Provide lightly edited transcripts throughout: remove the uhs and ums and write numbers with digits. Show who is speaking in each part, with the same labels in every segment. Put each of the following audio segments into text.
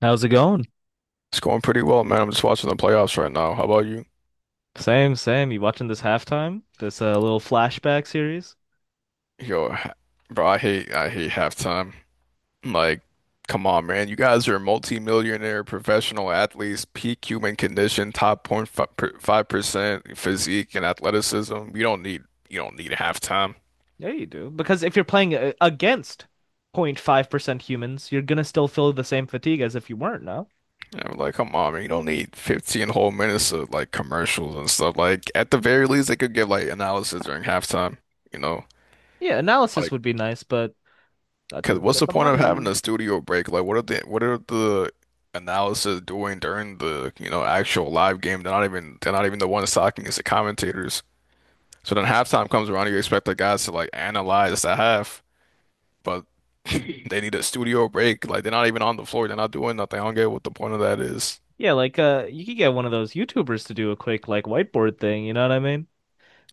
Speaker 1: How's it going?
Speaker 2: It's going pretty well, man. I'm just watching the playoffs right now. How about you?
Speaker 1: Same, same. You watching this halftime? This little flashback series?
Speaker 2: Yo, ha- Bro, I hate halftime. Like, come on, man. You guys are multimillionaire professional athletes, peak human condition, top point 5% physique and athleticism. You don't need halftime.
Speaker 1: Yeah, you do. Because if you're playing against 0.5% humans, you're gonna still feel the same fatigue as if you weren't, no?
Speaker 2: And I'm like, come on, man. You don't need 15 whole minutes of like commercials and stuff. Like, at the very least, they could give like analysis during halftime, you know?
Speaker 1: Yeah, analysis
Speaker 2: Like,
Speaker 1: would be nice, but that
Speaker 2: Cause
Speaker 1: doesn't
Speaker 2: what's
Speaker 1: get
Speaker 2: the
Speaker 1: the
Speaker 2: point of having
Speaker 1: money.
Speaker 2: a studio break? Like, what are the analysis doing during the actual live game? They're not even the ones talking. It's the commentators. So then halftime comes around, you expect the guys to like analyze the half, but they need a studio break. Like they're not even on the floor. They're not doing nothing. I don't get what the point of that is.
Speaker 1: Yeah, like you could get one of those YouTubers to do a quick like whiteboard thing, you know what I mean?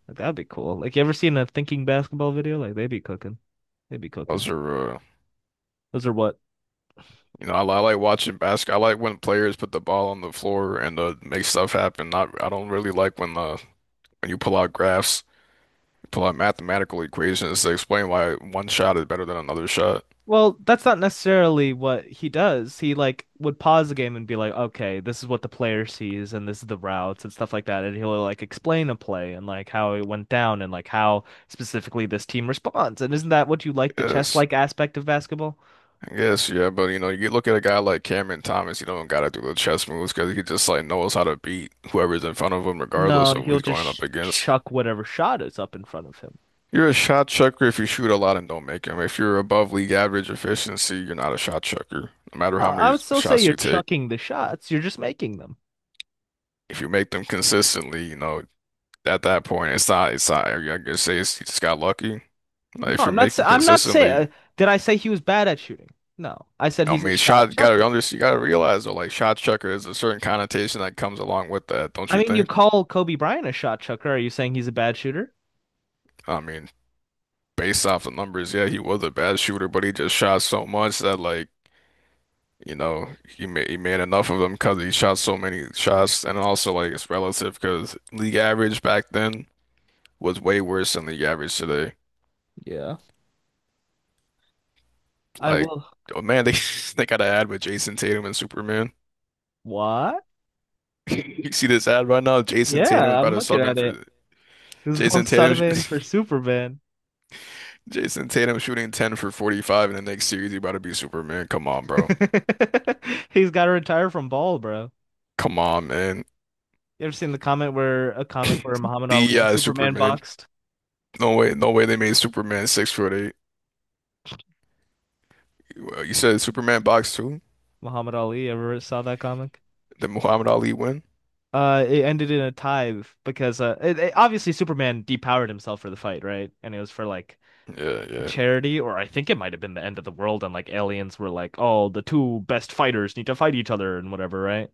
Speaker 1: Like that'd be cool. Like you ever seen a thinking basketball video? Like they be cooking. They be
Speaker 2: Those
Speaker 1: cooking.
Speaker 2: are
Speaker 1: Those are what?
Speaker 2: I like watching basketball. I like when players put the ball on the floor and make stuff happen. Not I don't really like when when you pull out graphs to like mathematical equations to explain why one shot is better than another shot.
Speaker 1: Well, that's not necessarily what he does. He like would pause the game and be like, "Okay, this is what the player sees, and this is the routes and stuff like that." And he'll like explain a play and like how it went down and like how specifically this team responds. And isn't that what you like, the
Speaker 2: Yes,
Speaker 1: chess-like aspect of basketball?
Speaker 2: I guess, yeah, but you know, you look at a guy like Cameron Thomas, you don't gotta do the chess moves because he just like knows how to beat whoever's in front of him,
Speaker 1: No,
Speaker 2: regardless of who
Speaker 1: he'll
Speaker 2: he's
Speaker 1: just
Speaker 2: going up
Speaker 1: sh
Speaker 2: against.
Speaker 1: chuck whatever shot is up in front of him.
Speaker 2: You're a shot chucker if you shoot a lot and don't make them. If you're above league average efficiency, you're not a shot chucker. No matter
Speaker 1: No,
Speaker 2: how
Speaker 1: I
Speaker 2: many
Speaker 1: would still say
Speaker 2: shots
Speaker 1: you're
Speaker 2: you take,
Speaker 1: chucking the shots. You're just making them.
Speaker 2: if you make them consistently, you know, at that point, it's not, I guess say it's, you just got lucky. Like,
Speaker 1: No,
Speaker 2: if you
Speaker 1: I'm not.
Speaker 2: make
Speaker 1: sa-
Speaker 2: them
Speaker 1: I'm not
Speaker 2: consistently,
Speaker 1: saying. Did I say he was bad at shooting? No, I said
Speaker 2: I
Speaker 1: he's a
Speaker 2: mean,
Speaker 1: shot
Speaker 2: shot gotta
Speaker 1: chucker.
Speaker 2: under you gotta realize though, like shot chucker is a certain connotation that comes along with that, don't
Speaker 1: I
Speaker 2: you
Speaker 1: mean, you
Speaker 2: think?
Speaker 1: call Kobe Bryant a shot chucker. Are you saying he's a bad shooter?
Speaker 2: I mean, based off the numbers, yeah, he was a bad shooter, but he just shot so much that like, you know, he made enough of them because he shot so many shots, and also like it's relative because league average back then was way worse than league average today.
Speaker 1: Yeah. I
Speaker 2: Like,
Speaker 1: will.
Speaker 2: oh man, they they got an ad with Jason Tatum and Superman.
Speaker 1: What?
Speaker 2: You see this ad right now? Jason Tatum is
Speaker 1: Yeah, I'm
Speaker 2: about to
Speaker 1: looking
Speaker 2: sub in
Speaker 1: at
Speaker 2: for
Speaker 1: it. This is going
Speaker 2: Jason Tatum.
Speaker 1: Sutterman for Superman.
Speaker 2: Jason Tatum shooting 10 for 45 in the next series. You about to be Superman. Come on, bro.
Speaker 1: He's got to retire from ball, bro.
Speaker 2: Come on, man.
Speaker 1: You ever seen the comment where a comic where Muhammad Ali
Speaker 2: The
Speaker 1: and Superman
Speaker 2: Superman.
Speaker 1: boxed?
Speaker 2: No way they made Superman 6 foot eight. Well, you said Superman box two?
Speaker 1: Muhammad Ali, ever saw that comic?
Speaker 2: Did Muhammad Ali win?
Speaker 1: It ended in a tie because obviously Superman depowered himself for the fight, right? And it was for like
Speaker 2: Yeah, yeah,
Speaker 1: charity, or I think it might have been the end of the world and like aliens were like, oh, the two best fighters need to fight each other and whatever, right?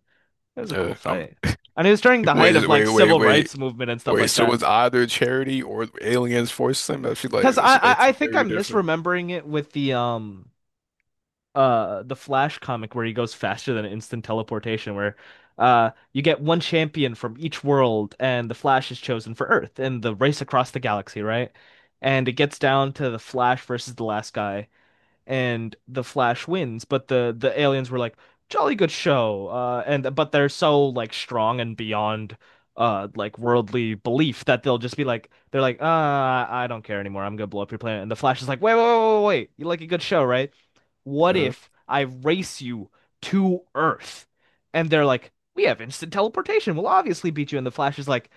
Speaker 1: It was a cool
Speaker 2: yeah.
Speaker 1: fight. And it was during the height of
Speaker 2: Wait,
Speaker 1: like
Speaker 2: wait, wait,
Speaker 1: civil
Speaker 2: wait,
Speaker 1: rights movement and stuff
Speaker 2: wait.
Speaker 1: like
Speaker 2: So
Speaker 1: that.
Speaker 2: it's either charity or aliens forced him? That's like
Speaker 1: Because I, I I
Speaker 2: two
Speaker 1: think
Speaker 2: very
Speaker 1: I'm
Speaker 2: different.
Speaker 1: misremembering it with the Flash comic where he goes faster than instant teleportation where you get one champion from each world and the Flash is chosen for Earth in the race across the galaxy, right? And it gets down to the Flash versus the last guy and the Flash wins, but the aliens were like, "Jolly good show." And But they're so like strong and beyond like worldly belief that they're like, "Ah, I don't care anymore. I'm gonna blow up your planet." And the Flash is like, "Wait, wait, wait, wait, wait. You like a good show, right? What
Speaker 2: Yeah.
Speaker 1: if I race you to Earth?" And they're like, "We have instant teleportation. We'll obviously beat you." And the Flash is like,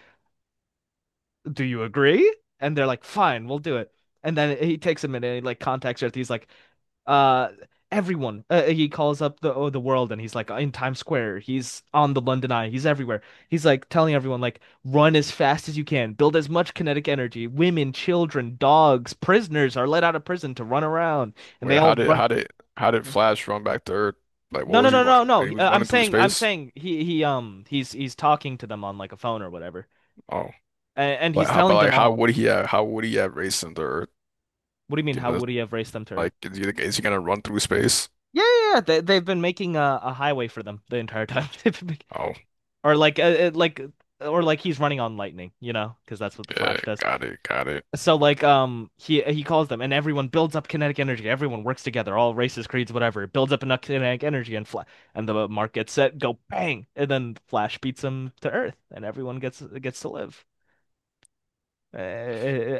Speaker 1: "Do you agree?" And they're like, "Fine, we'll do it." And then he takes a minute and he like contacts Earth. He's like, uh everyone he calls up the the world and he's like in Times Square, he's on the London Eye, he's everywhere. He's like telling everyone like run as fast as you can, build as much kinetic energy, women, children, dogs, prisoners are let out of prison to run around and they
Speaker 2: Wait,
Speaker 1: all
Speaker 2: how did
Speaker 1: run.
Speaker 2: how did how did Flash run back to Earth? Like,
Speaker 1: No
Speaker 2: what
Speaker 1: no
Speaker 2: was he
Speaker 1: no no
Speaker 2: running?
Speaker 1: no
Speaker 2: He was
Speaker 1: I'm
Speaker 2: running through
Speaker 1: saying, I'm
Speaker 2: space.
Speaker 1: saying he's talking to them on like a phone or whatever,
Speaker 2: Oh.
Speaker 1: and
Speaker 2: Like
Speaker 1: he's
Speaker 2: how, but
Speaker 1: telling
Speaker 2: like
Speaker 1: them
Speaker 2: how
Speaker 1: all.
Speaker 2: would he have how would he have raced into Earth?
Speaker 1: What do you mean
Speaker 2: You
Speaker 1: how
Speaker 2: know,
Speaker 1: would he have raced them to Earth?
Speaker 2: like is he gonna run through space?
Speaker 1: Yeah, yeah, yeah, they've been making a highway for them the entire time. They've been,
Speaker 2: Oh
Speaker 1: or like uh, uh, like or like he's running on lightning, you know, because that's what the
Speaker 2: yeah,
Speaker 1: Flash does. So like he calls them and everyone builds up kinetic energy. Everyone works together, all races, creeds, whatever. It builds up enough kinetic energy and fla and the mark gets set, go bang, and then Flash beats him to Earth, and everyone gets to live.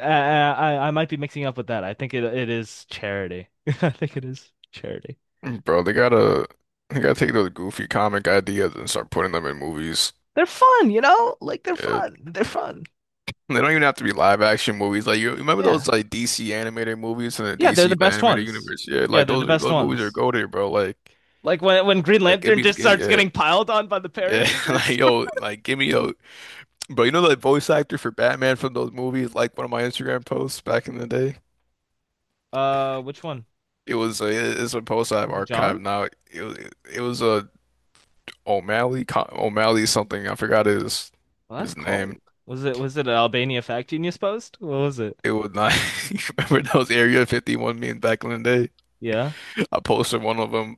Speaker 1: I might be mixing up with that. I think it it is charity. I think it is charity.
Speaker 2: mm, bro. They gotta take those goofy comic ideas and start putting them in movies.
Speaker 1: They're fun, you know? Like they're
Speaker 2: Yeah,
Speaker 1: fun. They're fun.
Speaker 2: they don't even have to be live action movies. Like you remember
Speaker 1: Yeah.
Speaker 2: those like DC animated movies in the
Speaker 1: Yeah, they're the
Speaker 2: DC like
Speaker 1: best
Speaker 2: animated
Speaker 1: ones.
Speaker 2: universe? Yeah,
Speaker 1: Yeah,
Speaker 2: like
Speaker 1: they're the
Speaker 2: those
Speaker 1: best
Speaker 2: those movies are
Speaker 1: ones.
Speaker 2: goated, bro.
Speaker 1: Like when Green
Speaker 2: Like
Speaker 1: Lantern just
Speaker 2: give me
Speaker 1: starts
Speaker 2: yeah.
Speaker 1: getting piled on by the
Speaker 2: Yeah, like
Speaker 1: parademons.
Speaker 2: yo, bro. You know the voice actor for Batman from those movies, like one of my Instagram posts back in the day.
Speaker 1: Which one
Speaker 2: It was a, it's a post I've
Speaker 1: was it? John?
Speaker 2: archived now. It was it was a O'Malley O'Malley something. I forgot
Speaker 1: Well, that's
Speaker 2: his name.
Speaker 1: cold. Was it an Albania Fact Genius post? What was it?
Speaker 2: It was not. You remember those Area 51 memes back in the day?
Speaker 1: Yeah,
Speaker 2: I posted one of them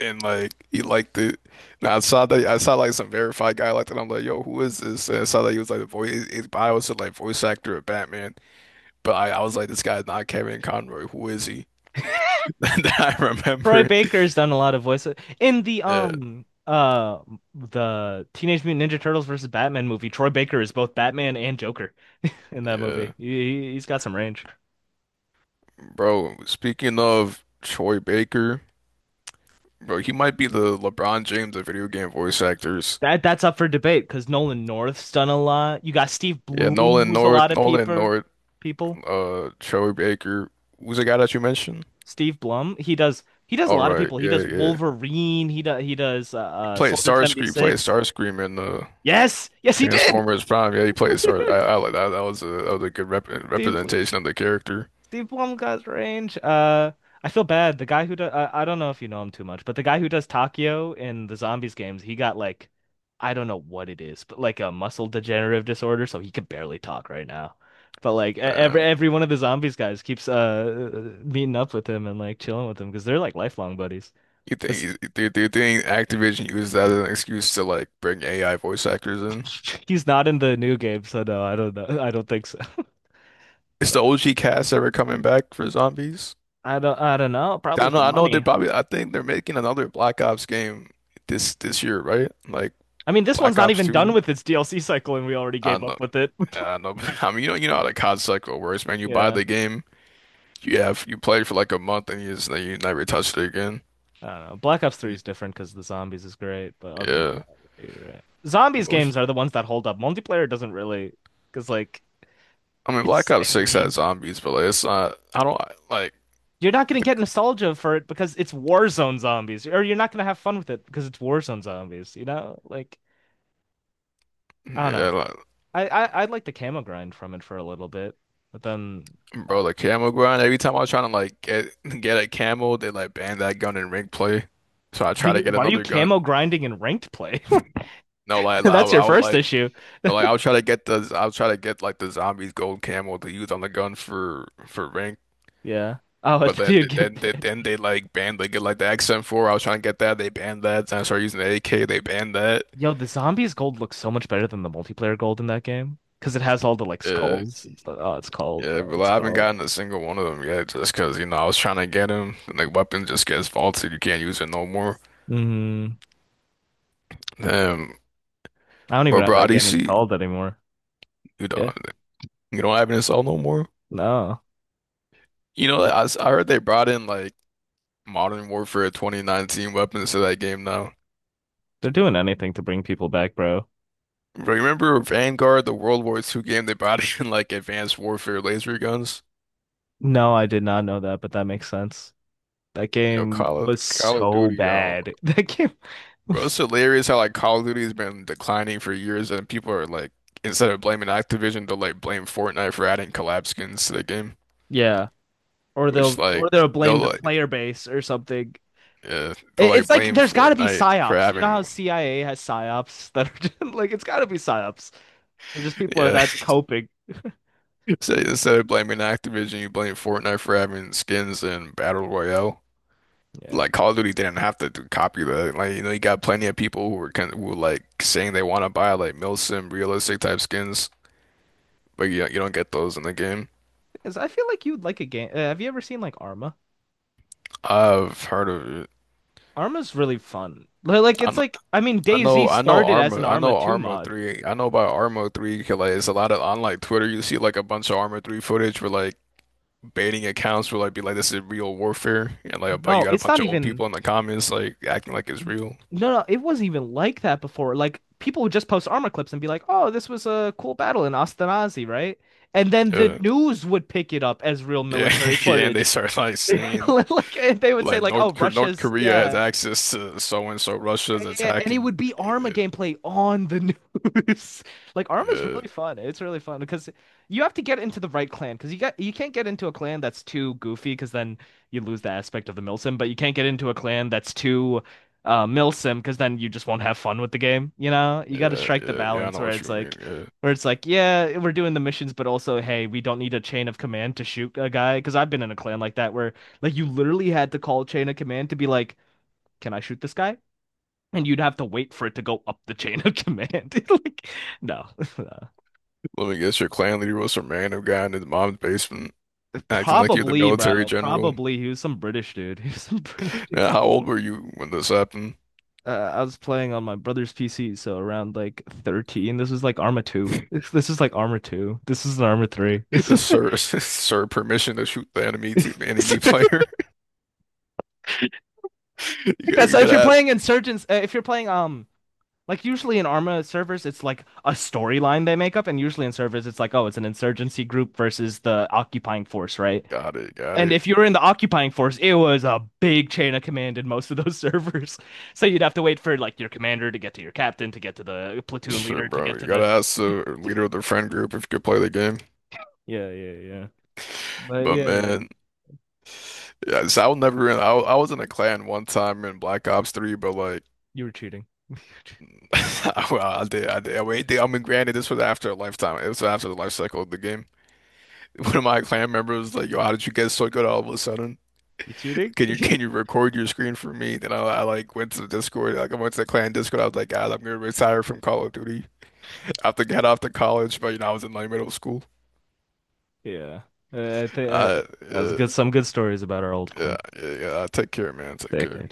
Speaker 2: and like he liked it. Now I saw like some verified guy liked it. I'm like, yo, who is this? And I saw that he was like the voice. His bio said like voice actor of Batman. But I was like, this guy's not Kevin Conroy. Who is he? That I
Speaker 1: Troy
Speaker 2: remember.
Speaker 1: Baker's done a lot of voices in
Speaker 2: Yeah,
Speaker 1: the Teenage Mutant Ninja Turtles versus Batman movie. Troy Baker is both Batman and Joker in that
Speaker 2: yeah.
Speaker 1: movie. He's got some range.
Speaker 2: Bro, speaking of Troy Baker, bro, he might be the LeBron James of video game voice actors.
Speaker 1: That that's up for debate because Nolan North's done a lot. You got Steve
Speaker 2: Yeah,
Speaker 1: Bloom, who's a lot of
Speaker 2: Nolan
Speaker 1: people
Speaker 2: North,
Speaker 1: people.
Speaker 2: Troy Baker. Who's the guy that you mentioned?
Speaker 1: Steve Blum. He does a
Speaker 2: All
Speaker 1: lot of
Speaker 2: right,
Speaker 1: people. He
Speaker 2: yeah,
Speaker 1: does
Speaker 2: yeah.
Speaker 1: Wolverine. He does he does uh, uh Soldier
Speaker 2: He played
Speaker 1: 76.
Speaker 2: Starscream in
Speaker 1: Yes, yes, he did.
Speaker 2: Transformers Prime. Yeah, he played Star. I like that. That was a good
Speaker 1: Steve Blum.
Speaker 2: representation of the character.
Speaker 1: Steve Blum got range. I feel bad. The guy who does I don't know if you know him too much, but the guy who does Takio in the zombies games, he got like, I don't know what it is, but like a muscle degenerative disorder, so he can barely talk right now. But like
Speaker 2: Um,
Speaker 1: every one of the zombies guys keeps meeting up with him and like chilling with him because they're like lifelong buddies. But
Speaker 2: you think Activision used that as an excuse to like bring AI voice actors in?
Speaker 1: he's not in the new game, so no, I don't know. I don't think so.
Speaker 2: Is the OG cast ever coming back for zombies?
Speaker 1: I don't know. Probably for
Speaker 2: I know they're
Speaker 1: money.
Speaker 2: probably. I think they're making another Black Ops game this year, right? Like
Speaker 1: I mean, this one's
Speaker 2: Black
Speaker 1: not
Speaker 2: Ops
Speaker 1: even done
Speaker 2: 2.
Speaker 1: with its DLC cycle and we already
Speaker 2: I
Speaker 1: gave up
Speaker 2: know,
Speaker 1: with it.
Speaker 2: I know. I mean, you know how the COD cycle works, man. You buy
Speaker 1: Yeah.
Speaker 2: the game, you play for like a month, and you never touched it again.
Speaker 1: I don't know. Black Ops 3 is different because the zombies is great, but other than
Speaker 2: Yeah,
Speaker 1: that, you're right. Zombies games are the ones that hold up. Multiplayer doesn't really because like
Speaker 2: I mean, Black
Speaker 1: it's
Speaker 2: Ops 6 had
Speaker 1: samey.
Speaker 2: zombies, but like, it's not. I don't like
Speaker 1: You're not gonna
Speaker 2: the.
Speaker 1: get nostalgia for it because it's Warzone zombies, or you're not gonna have fun with it because it's Warzone zombies, you know? Like I don't know.
Speaker 2: Yeah, like,
Speaker 1: I like the camo grind from it for a little bit, but then
Speaker 2: bro,
Speaker 1: uh,
Speaker 2: the camo grind. Every time I was trying to like get a camo, they like banned that gun in ring play. So I
Speaker 1: are
Speaker 2: try to
Speaker 1: you,
Speaker 2: get
Speaker 1: why are you
Speaker 2: another gun.
Speaker 1: camo grinding in ranked play?
Speaker 2: No, like
Speaker 1: That's your
Speaker 2: I would
Speaker 1: first
Speaker 2: like.
Speaker 1: issue.
Speaker 2: No, like I'll try to get the I'll try to get like the zombies gold camel to use on the gun for rank,
Speaker 1: Yeah. Oh, and
Speaker 2: but
Speaker 1: then you'd get bit.
Speaker 2: then they like banned they get like the XM4. I was trying to get that, they banned that. Then I started using the AK, they banned that.
Speaker 1: Yo, the zombies gold looks so much better than the multiplayer gold in that game because it has all the like
Speaker 2: Yeah,
Speaker 1: skulls. It's like, oh, it's called,
Speaker 2: yeah,
Speaker 1: bro.
Speaker 2: but like
Speaker 1: It's
Speaker 2: I haven't
Speaker 1: called.
Speaker 2: gotten a single one of them yet, just because you know I was trying to get them. And, like weapon just gets faulted, you can't use it no more.
Speaker 1: Mm-hmm.
Speaker 2: Um,
Speaker 1: I don't even
Speaker 2: but
Speaker 1: have
Speaker 2: bro,
Speaker 1: that
Speaker 2: how do
Speaker 1: game
Speaker 2: see
Speaker 1: installed anymore.
Speaker 2: you don't
Speaker 1: Yeah.
Speaker 2: have an assault no more.
Speaker 1: No,
Speaker 2: You know, I heard they brought in like Modern Warfare 2019 weapons to that game now.
Speaker 1: they're doing anything to bring people back, bro.
Speaker 2: Remember Vanguard, the World War II game they brought in like advanced warfare laser guns?
Speaker 1: No, I did not know that, but that makes sense. That
Speaker 2: Yo,
Speaker 1: game was
Speaker 2: Call of
Speaker 1: so
Speaker 2: Duty, yo.
Speaker 1: bad. That game
Speaker 2: Bro,
Speaker 1: was.
Speaker 2: it's hilarious how like Call of Duty has been declining for years and people are like instead of blaming Activision, they'll like blame Fortnite for adding collab skins to the game.
Speaker 1: Yeah. Or
Speaker 2: Which
Speaker 1: they'll
Speaker 2: like
Speaker 1: or they'll
Speaker 2: they'll
Speaker 1: blame the
Speaker 2: like
Speaker 1: player base or something.
Speaker 2: yeah, they'll
Speaker 1: It- It's
Speaker 2: like
Speaker 1: like
Speaker 2: blame
Speaker 1: there's got to be
Speaker 2: Fortnite for
Speaker 1: psyops. You know how
Speaker 2: having
Speaker 1: CIA has psyops that are just, like it's got to be psyops. Or just people are
Speaker 2: yeah.
Speaker 1: that coping.
Speaker 2: So instead of blaming Activision, you blame Fortnite for having skins in Battle Royale.
Speaker 1: Yeah.
Speaker 2: Like Call of Duty didn't have copy that. Like you know, you got plenty of people who were who were like saying they want to buy like milsim realistic type skins, but you don't get those in the game.
Speaker 1: 'Cause I feel like you'd like a game. Have you ever seen like Arma?
Speaker 2: I've heard of it.
Speaker 1: Arma's really fun. Like
Speaker 2: I
Speaker 1: it's
Speaker 2: know
Speaker 1: like, I mean DayZ started as an
Speaker 2: I
Speaker 1: Arma
Speaker 2: know
Speaker 1: 2
Speaker 2: Arma
Speaker 1: mod.
Speaker 2: 3. I know about Arma 3 'cause, like it's a lot of on like Twitter you see like a bunch of Arma 3 footage where like baiting accounts will like be like this is real warfare and like but you
Speaker 1: No,
Speaker 2: got a
Speaker 1: it's
Speaker 2: bunch
Speaker 1: not
Speaker 2: of old
Speaker 1: even.
Speaker 2: people in the comments like acting like it's real.
Speaker 1: No, no, it wasn't even like that before. Like people would just post armor clips and be like, "Oh, this was a cool battle in Ashkenazi, right?" And then the
Speaker 2: Yeah.
Speaker 1: news would pick it up as real
Speaker 2: Yeah.
Speaker 1: military
Speaker 2: Yeah, and they
Speaker 1: footage.
Speaker 2: start like saying
Speaker 1: Like and they would say,
Speaker 2: like
Speaker 1: like, "Oh,
Speaker 2: North
Speaker 1: Russia's
Speaker 2: Korea has
Speaker 1: yeah."
Speaker 2: access to so and so.
Speaker 1: Yeah,
Speaker 2: Russia's
Speaker 1: yeah, yeah. And it
Speaker 2: attacking.
Speaker 1: would be Arma
Speaker 2: Yeah,
Speaker 1: gameplay on the news. Like Arma's
Speaker 2: yeah,
Speaker 1: really fun. It's really fun because you have to get into the right clan because you got, you can't get into a clan that's too goofy because then you lose the aspect of the milsim, but you can't get into a clan that's too milsim because then you just won't have fun with the game, you know? You got to strike the
Speaker 2: yeah, I
Speaker 1: balance
Speaker 2: know
Speaker 1: where
Speaker 2: what
Speaker 1: it's
Speaker 2: you mean.
Speaker 1: like
Speaker 2: Yeah.
Speaker 1: where it's like, yeah, we're doing the missions, but also, hey, we don't need a chain of command to shoot a guy because I've been in a clan like that where like you literally had to call chain of command to be like, can I shoot this guy? And you'd have to wait for it to go up the chain of command. Like, no, no.
Speaker 2: Let me guess, your clan leader was some random guy in his mom's basement, acting like you're the
Speaker 1: Probably,
Speaker 2: military
Speaker 1: bro.
Speaker 2: general.
Speaker 1: Probably he was some British dude. He was some British dude.
Speaker 2: Now, how old were you when this happened?
Speaker 1: I was playing on my brother's PC, so around like 13. This was like Arma 2. This is like Arma 2. This is an Arma 3. This is
Speaker 2: Sir, sir, permission to shoot the enemy to enemy player. You
Speaker 1: so if
Speaker 2: gotta
Speaker 1: you're
Speaker 2: ask.
Speaker 1: playing Insurgents, if you're playing Like usually in Arma servers, it's like a storyline they make up, and usually in servers, it's like, oh, it's an insurgency group versus the occupying force, right?
Speaker 2: Got it, got
Speaker 1: And
Speaker 2: it.
Speaker 1: if you were in the occupying force, it was a big chain of command in most of those servers. So you'd have to wait for like your commander to get to your captain, to get to the platoon
Speaker 2: Sure,
Speaker 1: leader, to
Speaker 2: bro.
Speaker 1: get
Speaker 2: You
Speaker 1: to the,
Speaker 2: gotta ask the leader of the friend group if you could play the game.
Speaker 1: yeah, yeah, yeah. But
Speaker 2: But
Speaker 1: yeah,
Speaker 2: man. Yeah, so I was never in. I was in a clan one time in Black Ops 3, but like,
Speaker 1: you were cheating.
Speaker 2: I, I did, I did, I wait, I mean, granted, this was after a lifetime. It was after the life cycle of the game. One of my clan members was like, "Yo, how did you get so good all of a sudden?
Speaker 1: You cheating?
Speaker 2: Can you record your screen for me?" Then I like went to the Discord, like I went to the clan Discord. I was like, "Guys, I'm gonna retire from Call of Duty. I have to get off to college." But you know, I was in like middle school.
Speaker 1: Yeah. I think I...
Speaker 2: Uh,
Speaker 1: that was
Speaker 2: yeah,
Speaker 1: good. Some good stories about our old
Speaker 2: yeah,
Speaker 1: clan.
Speaker 2: yeah. Take care, man. Take
Speaker 1: Sick.
Speaker 2: care.